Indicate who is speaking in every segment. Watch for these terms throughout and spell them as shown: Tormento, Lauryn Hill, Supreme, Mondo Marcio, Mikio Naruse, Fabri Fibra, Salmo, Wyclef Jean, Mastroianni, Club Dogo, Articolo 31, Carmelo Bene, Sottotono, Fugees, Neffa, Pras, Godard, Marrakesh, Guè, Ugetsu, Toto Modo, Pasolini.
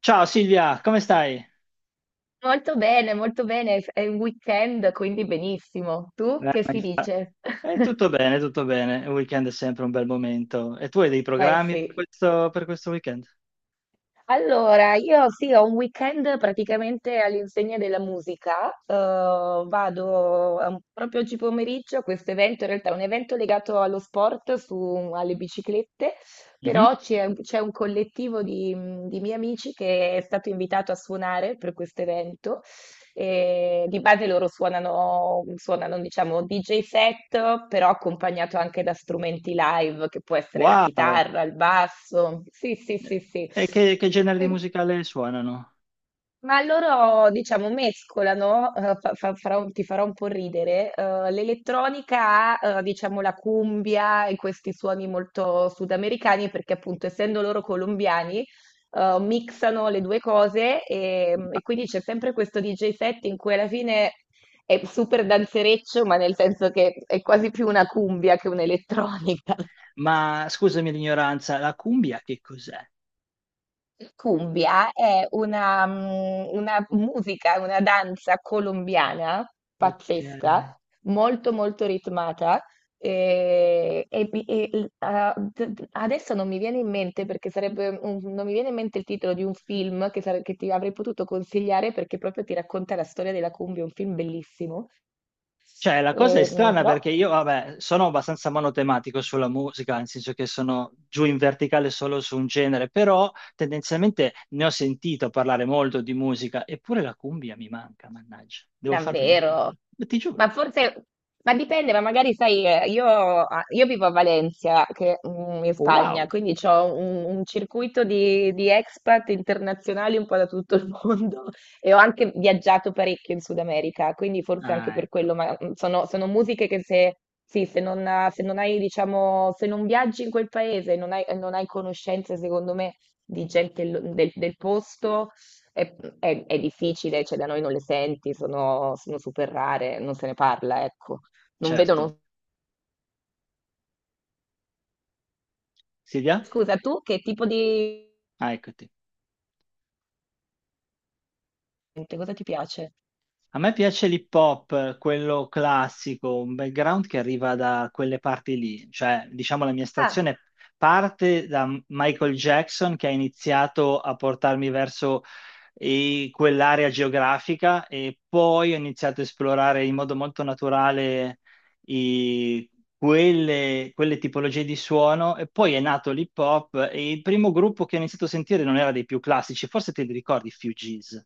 Speaker 1: Ciao Silvia, come stai?
Speaker 2: Molto bene, molto bene. È un weekend, quindi benissimo. Tu
Speaker 1: Eh,
Speaker 2: che
Speaker 1: mi
Speaker 2: si
Speaker 1: fa-
Speaker 2: dice?
Speaker 1: Tutto bene, tutto bene. Il weekend è sempre un bel momento. E tu hai dei
Speaker 2: Eh
Speaker 1: programmi per
Speaker 2: sì.
Speaker 1: questo weekend?
Speaker 2: Allora, io sì, ho un weekend praticamente all'insegna della musica. Vado proprio oggi pomeriggio a questo evento. In realtà è un evento legato allo sport, alle biciclette,
Speaker 1: Mhm.
Speaker 2: però c'è un collettivo di miei amici che è stato invitato a suonare per questo evento. E di base loro suonano, suonano, diciamo, DJ set, però accompagnato anche da strumenti live, che può essere la
Speaker 1: Wow!
Speaker 2: chitarra, il basso. Sì, sì, sì, sì.
Speaker 1: E che genere di musicale suonano?
Speaker 2: Ma loro, diciamo, mescolano, farà ti farà un po' ridere, l'elettronica, diciamo, la cumbia e questi suoni molto sudamericani, perché appunto essendo loro colombiani, mixano le due cose e quindi c'è sempre questo DJ set in cui alla fine è super danzereccio, ma nel senso che è quasi più una cumbia che un'elettronica.
Speaker 1: Ma scusami l'ignoranza, la cumbia che cos'è?
Speaker 2: Cumbia è una, una musica, una danza colombiana
Speaker 1: Ok.
Speaker 2: pazzesca, molto molto ritmata. Adesso non mi viene in mente, perché non mi viene in mente il titolo di un film che, che ti avrei potuto consigliare, perché proprio ti racconta la storia della cumbia. È un film bellissimo.
Speaker 1: Cioè, la cosa è
Speaker 2: E, mm,
Speaker 1: strana
Speaker 2: però
Speaker 1: perché io, vabbè, sono abbastanza monotematico sulla musica, nel senso che sono giù in verticale solo su un genere, però tendenzialmente ne ho sentito parlare molto di musica, eppure la cumbia mi manca, mannaggia. Devo farmi una...
Speaker 2: davvero?
Speaker 1: Ti
Speaker 2: Ma
Speaker 1: giuro.
Speaker 2: forse, ma dipende, ma magari sai, io, io vivo a Valencia, che, mm, in Spagna,
Speaker 1: Wow.
Speaker 2: quindi ho un circuito di expat internazionali un po' da tutto il mondo e ho anche viaggiato parecchio in Sud America, quindi forse anche
Speaker 1: Ah,
Speaker 2: per
Speaker 1: ecco,
Speaker 2: quello, ma mm, sono, sono musiche che se, sì, se non, se non hai, diciamo, se non viaggi in quel paese, non hai, non hai conoscenze, secondo me, di gente del del posto è difficile, cioè da noi non le senti, sono, sono super rare, non se ne parla, ecco. Non
Speaker 1: certo.
Speaker 2: vedono.
Speaker 1: Silvia?
Speaker 2: Scusa, tu che tipo di...
Speaker 1: Ah, eccoti.
Speaker 2: cosa ti piace?
Speaker 1: A me piace l'hip hop, quello classico, un background che arriva da quelle parti lì, cioè diciamo la mia
Speaker 2: Ah,
Speaker 1: stazione parte da Michael Jackson che ha iniziato a portarmi verso quell'area geografica e poi ho iniziato a esplorare in modo molto naturale i- quelle tipologie di suono e poi è nato l'hip hop e il primo gruppo che ho iniziato a sentire non era dei più classici, forse te li ricordi, Fugees.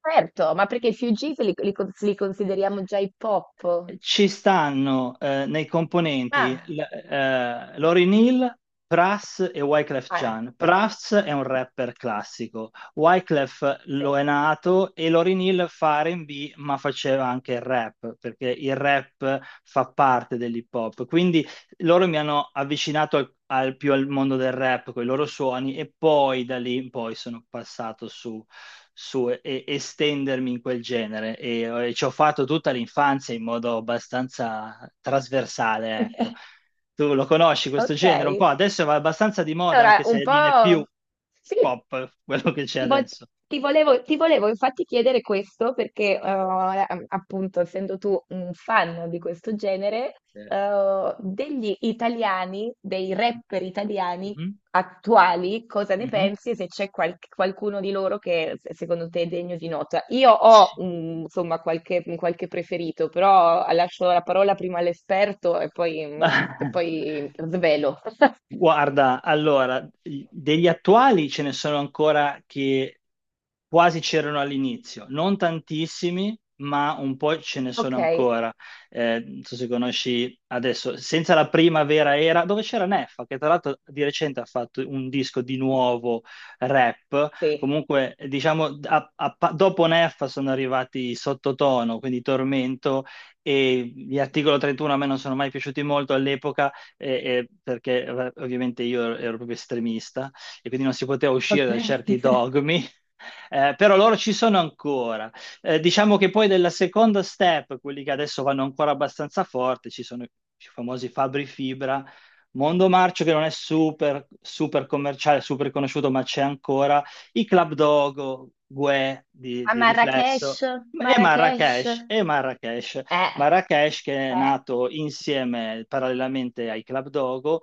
Speaker 2: certo, ma perché i Fugees li, li consideriamo già hip hop?
Speaker 1: Ci stanno nei componenti
Speaker 2: Ah,
Speaker 1: Lauryn Hill, Pras e Wyclef
Speaker 2: ah,
Speaker 1: Jean. Pras è un rapper classico, Wyclef
Speaker 2: sì.
Speaker 1: lo è nato e Lauryn Hill fa R&B ma faceva anche il rap, perché il rap fa parte dell'hip hop. Quindi loro mi hanno avvicinato più al mondo del rap con i loro suoni e poi da lì in poi sono passato su, su e- estendermi in quel genere e ci ho fatto tutta l'infanzia in modo abbastanza trasversale, ecco. Tu lo conosci questo genere un po'?
Speaker 2: Okay.
Speaker 1: Adesso va abbastanza di moda
Speaker 2: Allora
Speaker 1: anche
Speaker 2: un
Speaker 1: se non è più
Speaker 2: po'
Speaker 1: hip
Speaker 2: sì,
Speaker 1: hop quello che c'è
Speaker 2: ti vo
Speaker 1: adesso.
Speaker 2: ti volevo infatti chiedere questo perché, appunto essendo tu un fan di questo genere,
Speaker 1: Sì.
Speaker 2: degli italiani, dei rapper italiani
Speaker 1: Mhm,
Speaker 2: attuali, cosa ne
Speaker 1: mhm.
Speaker 2: pensi, e se c'è qualcuno di loro che secondo te è degno di nota. Io ho mm, insomma qualche, qualche preferito, però lascio la parola prima all'esperto e poi, mm, e
Speaker 1: Ma-
Speaker 2: poi svelo.
Speaker 1: Guarda, allora, degli attuali ce ne sono ancora che quasi c'erano all'inizio, non tantissimi, ma un po' ce ne
Speaker 2: Ok,
Speaker 1: sono ancora. Non so se conosci adesso, senza la primavera era, dove c'era Neffa, che tra l'altro di recente ha fatto un disco di nuovo rap.
Speaker 2: sì.
Speaker 1: Comunque, diciamo, dopo Neffa sono arrivati Sottotono, quindi Tormento, e gli Articolo 31 a me non sono mai piaciuti molto all'epoca, eh, perché ovviamente io ero proprio estremista, e quindi non si poteva
Speaker 2: Ok.
Speaker 1: uscire da certi dogmi, però loro ci sono ancora. Diciamo che poi della seconda step, quelli che adesso vanno ancora abbastanza forte, ci sono i famosi Fabri Fibra, Mondo Marcio che non è super commerciale, super conosciuto, ma c'è ancora, i Club Dogo, Guè
Speaker 2: A
Speaker 1: di riflesso.
Speaker 2: Marrakesh,
Speaker 1: E
Speaker 2: Marrakesh.
Speaker 1: Marrakesh, e Marrakesh,
Speaker 2: Eh,
Speaker 1: Marrakesh che è
Speaker 2: eh,
Speaker 1: nato insieme parallelamente ai Club Dogo,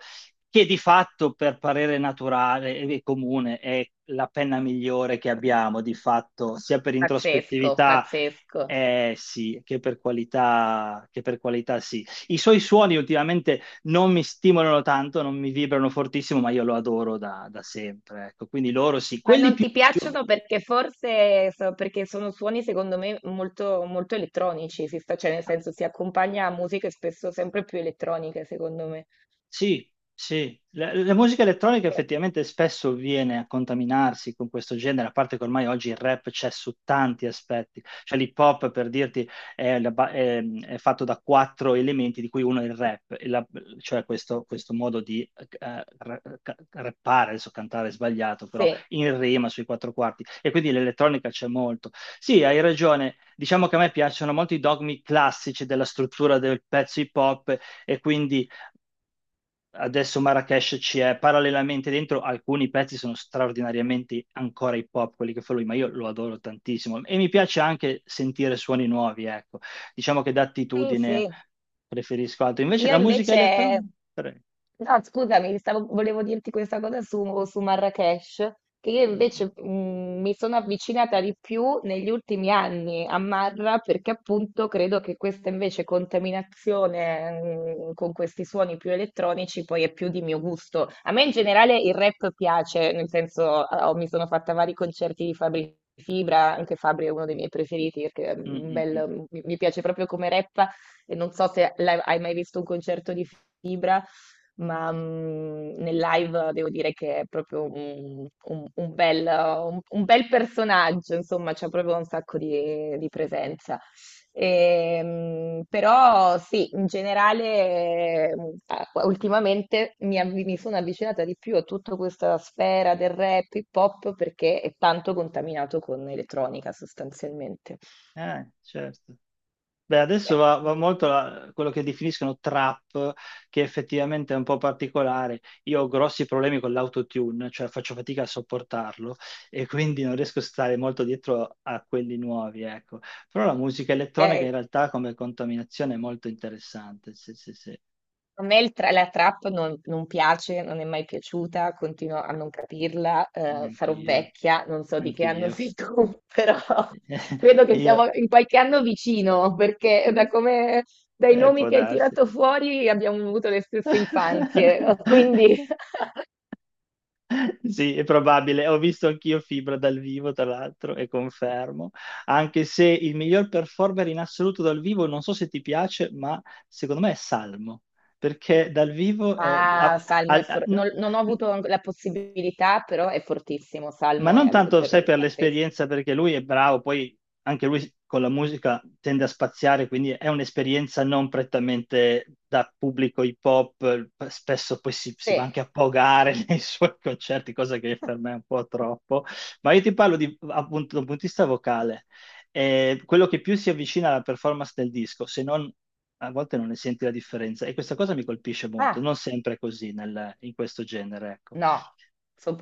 Speaker 1: che di fatto per parere naturale e comune è la penna migliore che abbiamo, di fatto, sia per
Speaker 2: pazzesco,
Speaker 1: introspettività
Speaker 2: pazzesco.
Speaker 1: sì, che per qualità sì. I suoi suoni ultimamente non mi stimolano tanto, non mi vibrano fortissimo, ma io lo adoro da sempre. Ecco, quindi loro sì,
Speaker 2: Ma
Speaker 1: quelli
Speaker 2: non
Speaker 1: più...
Speaker 2: ti piacciono perché perché sono suoni secondo me molto, molto elettronici, cioè nel senso si accompagna a musiche spesso sempre più elettroniche secondo me.
Speaker 1: Sì, sì, la musica elettronica
Speaker 2: Eh,
Speaker 1: effettivamente spesso viene a contaminarsi con questo genere, a parte che ormai oggi il rap c'è su tanti aspetti, cioè l'hip hop per dirti è, è fatto da quattro elementi di cui uno è il rap, cioè questo modo di rappare, adesso cantare è sbagliato, però
Speaker 2: Sì,
Speaker 1: in rima sui quattro quarti e quindi l'elettronica c'è molto. Sì, hai ragione, diciamo che a me piacciono molto i dogmi classici della struttura del pezzo hip hop, e quindi adesso Marrakesh ci è parallelamente dentro, alcuni pezzi sono straordinariamente ancora hip hop, quelli che fa lui, ma io lo adoro tantissimo e mi piace anche sentire suoni nuovi, ecco. Diciamo che
Speaker 2: sì,
Speaker 1: d'attitudine
Speaker 2: sì.
Speaker 1: preferisco altro. Invece
Speaker 2: Io
Speaker 1: la musica
Speaker 2: invece,
Speaker 1: elettronica, pre-...
Speaker 2: no, scusami, volevo dirti questa cosa su, su Marrakesh, che io
Speaker 1: Mm,
Speaker 2: invece mm, mi sono avvicinata di più negli ultimi anni a Marra, perché appunto credo che questa invece contaminazione mm, con questi suoni più elettronici poi è più di mio gusto. A me in generale il rap piace, nel senso mi sono fatta vari concerti di Fabri Fibra. Anche Fabri è uno dei miei preferiti, perché è un
Speaker 1: mm, mm.
Speaker 2: bel, mi piace proprio come rappa, e non so se l'hai hai mai visto un concerto di Fibra, ma mm, nel live devo dire che è proprio un, un bel, un bel personaggio, insomma, c'ha proprio un sacco di presenza. Però sì, in generale, ultimamente mi, mi sono avvicinata di più a tutta questa sfera del rap hip hop, perché è tanto contaminato con elettronica sostanzialmente.
Speaker 1: Certo. Beh, adesso
Speaker 2: Beh,
Speaker 1: va molto quello che definiscono trap, che effettivamente è un po' particolare. Io ho grossi problemi con l'autotune, cioè faccio fatica a sopportarlo e quindi non riesco a stare molto dietro a quelli nuovi, ecco. Però la musica elettronica in
Speaker 2: ok.
Speaker 1: realtà come contaminazione è molto interessante. Sì, sì, sì,
Speaker 2: A me la trap non, non piace, non è mai piaciuta, continuo a non capirla, sarò
Speaker 1: anch'io,
Speaker 2: vecchia, non so di che anno
Speaker 1: anch'io.
Speaker 2: sei tu, però credo che
Speaker 1: Io,
Speaker 2: siamo in qualche anno vicino, perché da come, dai nomi
Speaker 1: può
Speaker 2: che hai
Speaker 1: darsi.
Speaker 2: tirato fuori abbiamo avuto le stesse infanzie, quindi...
Speaker 1: Sì, è probabile. Ho visto anch'io Fibra dal vivo, tra l'altro, e confermo. Anche se il miglior performer in assoluto dal vivo, non so se ti piace, ma secondo me è Salmo, perché dal vivo è...
Speaker 2: Ah,
Speaker 1: ha-
Speaker 2: Salmo è
Speaker 1: ha- n-
Speaker 2: non, non ho avuto la possibilità, però è fortissimo,
Speaker 1: ma
Speaker 2: Salmo
Speaker 1: non
Speaker 2: è mm,
Speaker 1: tanto,
Speaker 2: per
Speaker 1: sai,
Speaker 2: me
Speaker 1: per
Speaker 2: pazzesco.
Speaker 1: l'esperienza, perché lui è bravo, poi anche lui con la musica tende a spaziare, quindi è un'esperienza non prettamente da pubblico hip hop, spesso poi si va
Speaker 2: Sì.
Speaker 1: anche a pogare nei suoi concerti, cosa che per me è un po' troppo, ma io ti parlo di, appunto da un punto di vista vocale, eh, quello che più si avvicina alla performance del disco, se non a volte non ne senti la differenza e questa cosa mi colpisce molto,
Speaker 2: Ah.
Speaker 1: non sempre è così in questo genere, ecco.
Speaker 2: No,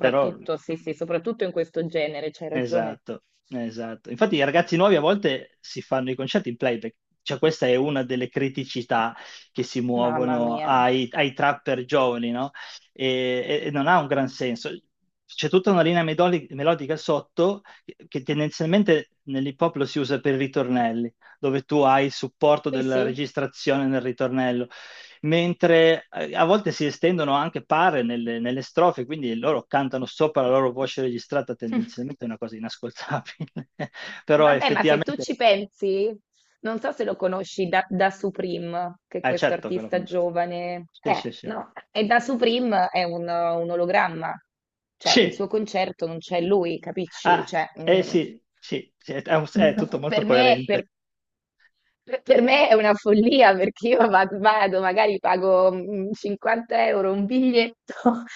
Speaker 1: Però...
Speaker 2: sì, sì, soprattutto in questo genere, c'hai ragione.
Speaker 1: Esatto, esatto. Infatti i ragazzi nuovi a volte si fanno i concerti in playback, cioè questa è una delle criticità che si
Speaker 2: Mamma
Speaker 1: muovono
Speaker 2: mia.
Speaker 1: ai trapper giovani, no? E, e non ha un gran senso. C'è tutta una linea melodica sotto che tendenzialmente nell'hip hop lo si usa per i ritornelli, dove tu hai il supporto
Speaker 2: Sì,
Speaker 1: della
Speaker 2: sì.
Speaker 1: registrazione nel ritornello mentre a volte si estendono anche pare nelle strofe, quindi loro cantano sopra la loro voce registrata, tendenzialmente è una cosa inascoltabile, però
Speaker 2: Vabbè, ma se tu
Speaker 1: effettivamente,
Speaker 2: ci pensi, non so se lo conosci da, da Supreme, che è questo
Speaker 1: certo che lo
Speaker 2: artista
Speaker 1: conosco.
Speaker 2: giovane.
Speaker 1: Sì, sì, sì.
Speaker 2: No, e da Supreme è un ologramma. Cioè, il
Speaker 1: Sì,
Speaker 2: suo concerto non c'è lui, capisci?
Speaker 1: ah,
Speaker 2: Cioè,
Speaker 1: eh
Speaker 2: mm,
Speaker 1: sì, sì, sì, è, è tutto molto
Speaker 2: per me,
Speaker 1: coerente,
Speaker 2: per me è una follia, perché io vado, magari pago mm, 50€ un biglietto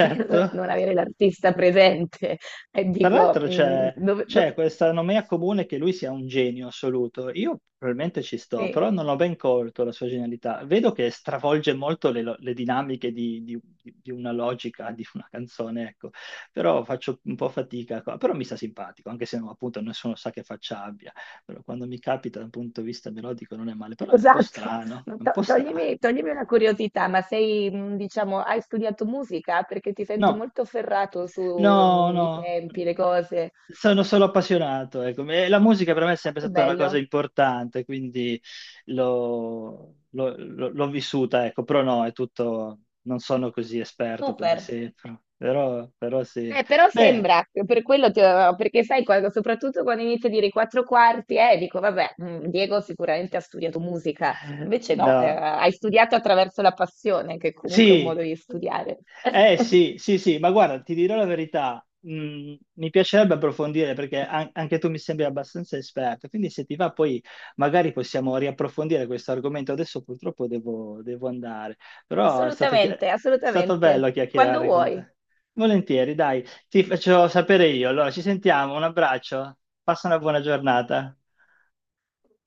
Speaker 2: per non avere l'artista presente, e
Speaker 1: Tra
Speaker 2: dico,
Speaker 1: l'altro
Speaker 2: mm, dove, do-
Speaker 1: c'è questa nomea comune che lui sia un genio assoluto. Io probabilmente ci sto, però
Speaker 2: sì,
Speaker 1: non ho ben colto la sua genialità. Vedo che stravolge molto le dinamiche di una logica, di una canzone, ecco. Però faccio un po' fatica qua. Però mi sta simpatico, anche se no, appunto nessuno sa che faccia abbia. Però quando mi capita da un punto di vista melodico non è male, però è un po'
Speaker 2: esatto.
Speaker 1: strano,
Speaker 2: No,
Speaker 1: è un po' strano.
Speaker 2: toglimi, toglimi una curiosità, ma sei, mm, diciamo, hai studiato musica? Perché ti sento
Speaker 1: No,
Speaker 2: molto ferrato
Speaker 1: no,
Speaker 2: sui
Speaker 1: no.
Speaker 2: tempi, le cose.
Speaker 1: Sono solo appassionato, ecco. E la musica per me è
Speaker 2: Ah,
Speaker 1: sempre
Speaker 2: che
Speaker 1: stata una cosa
Speaker 2: bello,
Speaker 1: importante, quindi l'ho vissuta, ecco. Però no, è tutto, non sono così esperto come
Speaker 2: super.
Speaker 1: sembro, però, però sì.
Speaker 2: Però
Speaker 1: Beh,
Speaker 2: sembra, per quello ti avevo- perché sai, quando- soprattutto quando inizio a dire i quattro quarti, dico, vabbè, mm, Diego sicuramente ha studiato musica, invece no,
Speaker 1: no,
Speaker 2: hai studiato attraverso la passione, che comunque è un
Speaker 1: sì,
Speaker 2: modo di studiare.
Speaker 1: eh sì, sì, sì, ma guarda, ti dirò la verità, mi piacerebbe approfondire perché anche tu mi sembri abbastanza esperto, quindi se ti va poi magari possiamo riapprofondire questo argomento. Adesso purtroppo devo andare, però è stato, è
Speaker 2: Assolutamente,
Speaker 1: stato
Speaker 2: assolutamente,
Speaker 1: bello
Speaker 2: quando
Speaker 1: chiacchierare con
Speaker 2: vuoi,
Speaker 1: te. Volentieri, dai, ti faccio sapere io. Allora, ci sentiamo, un abbraccio, passa una buona giornata.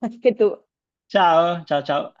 Speaker 2: anche tu.
Speaker 1: Ciao, ciao, ciao.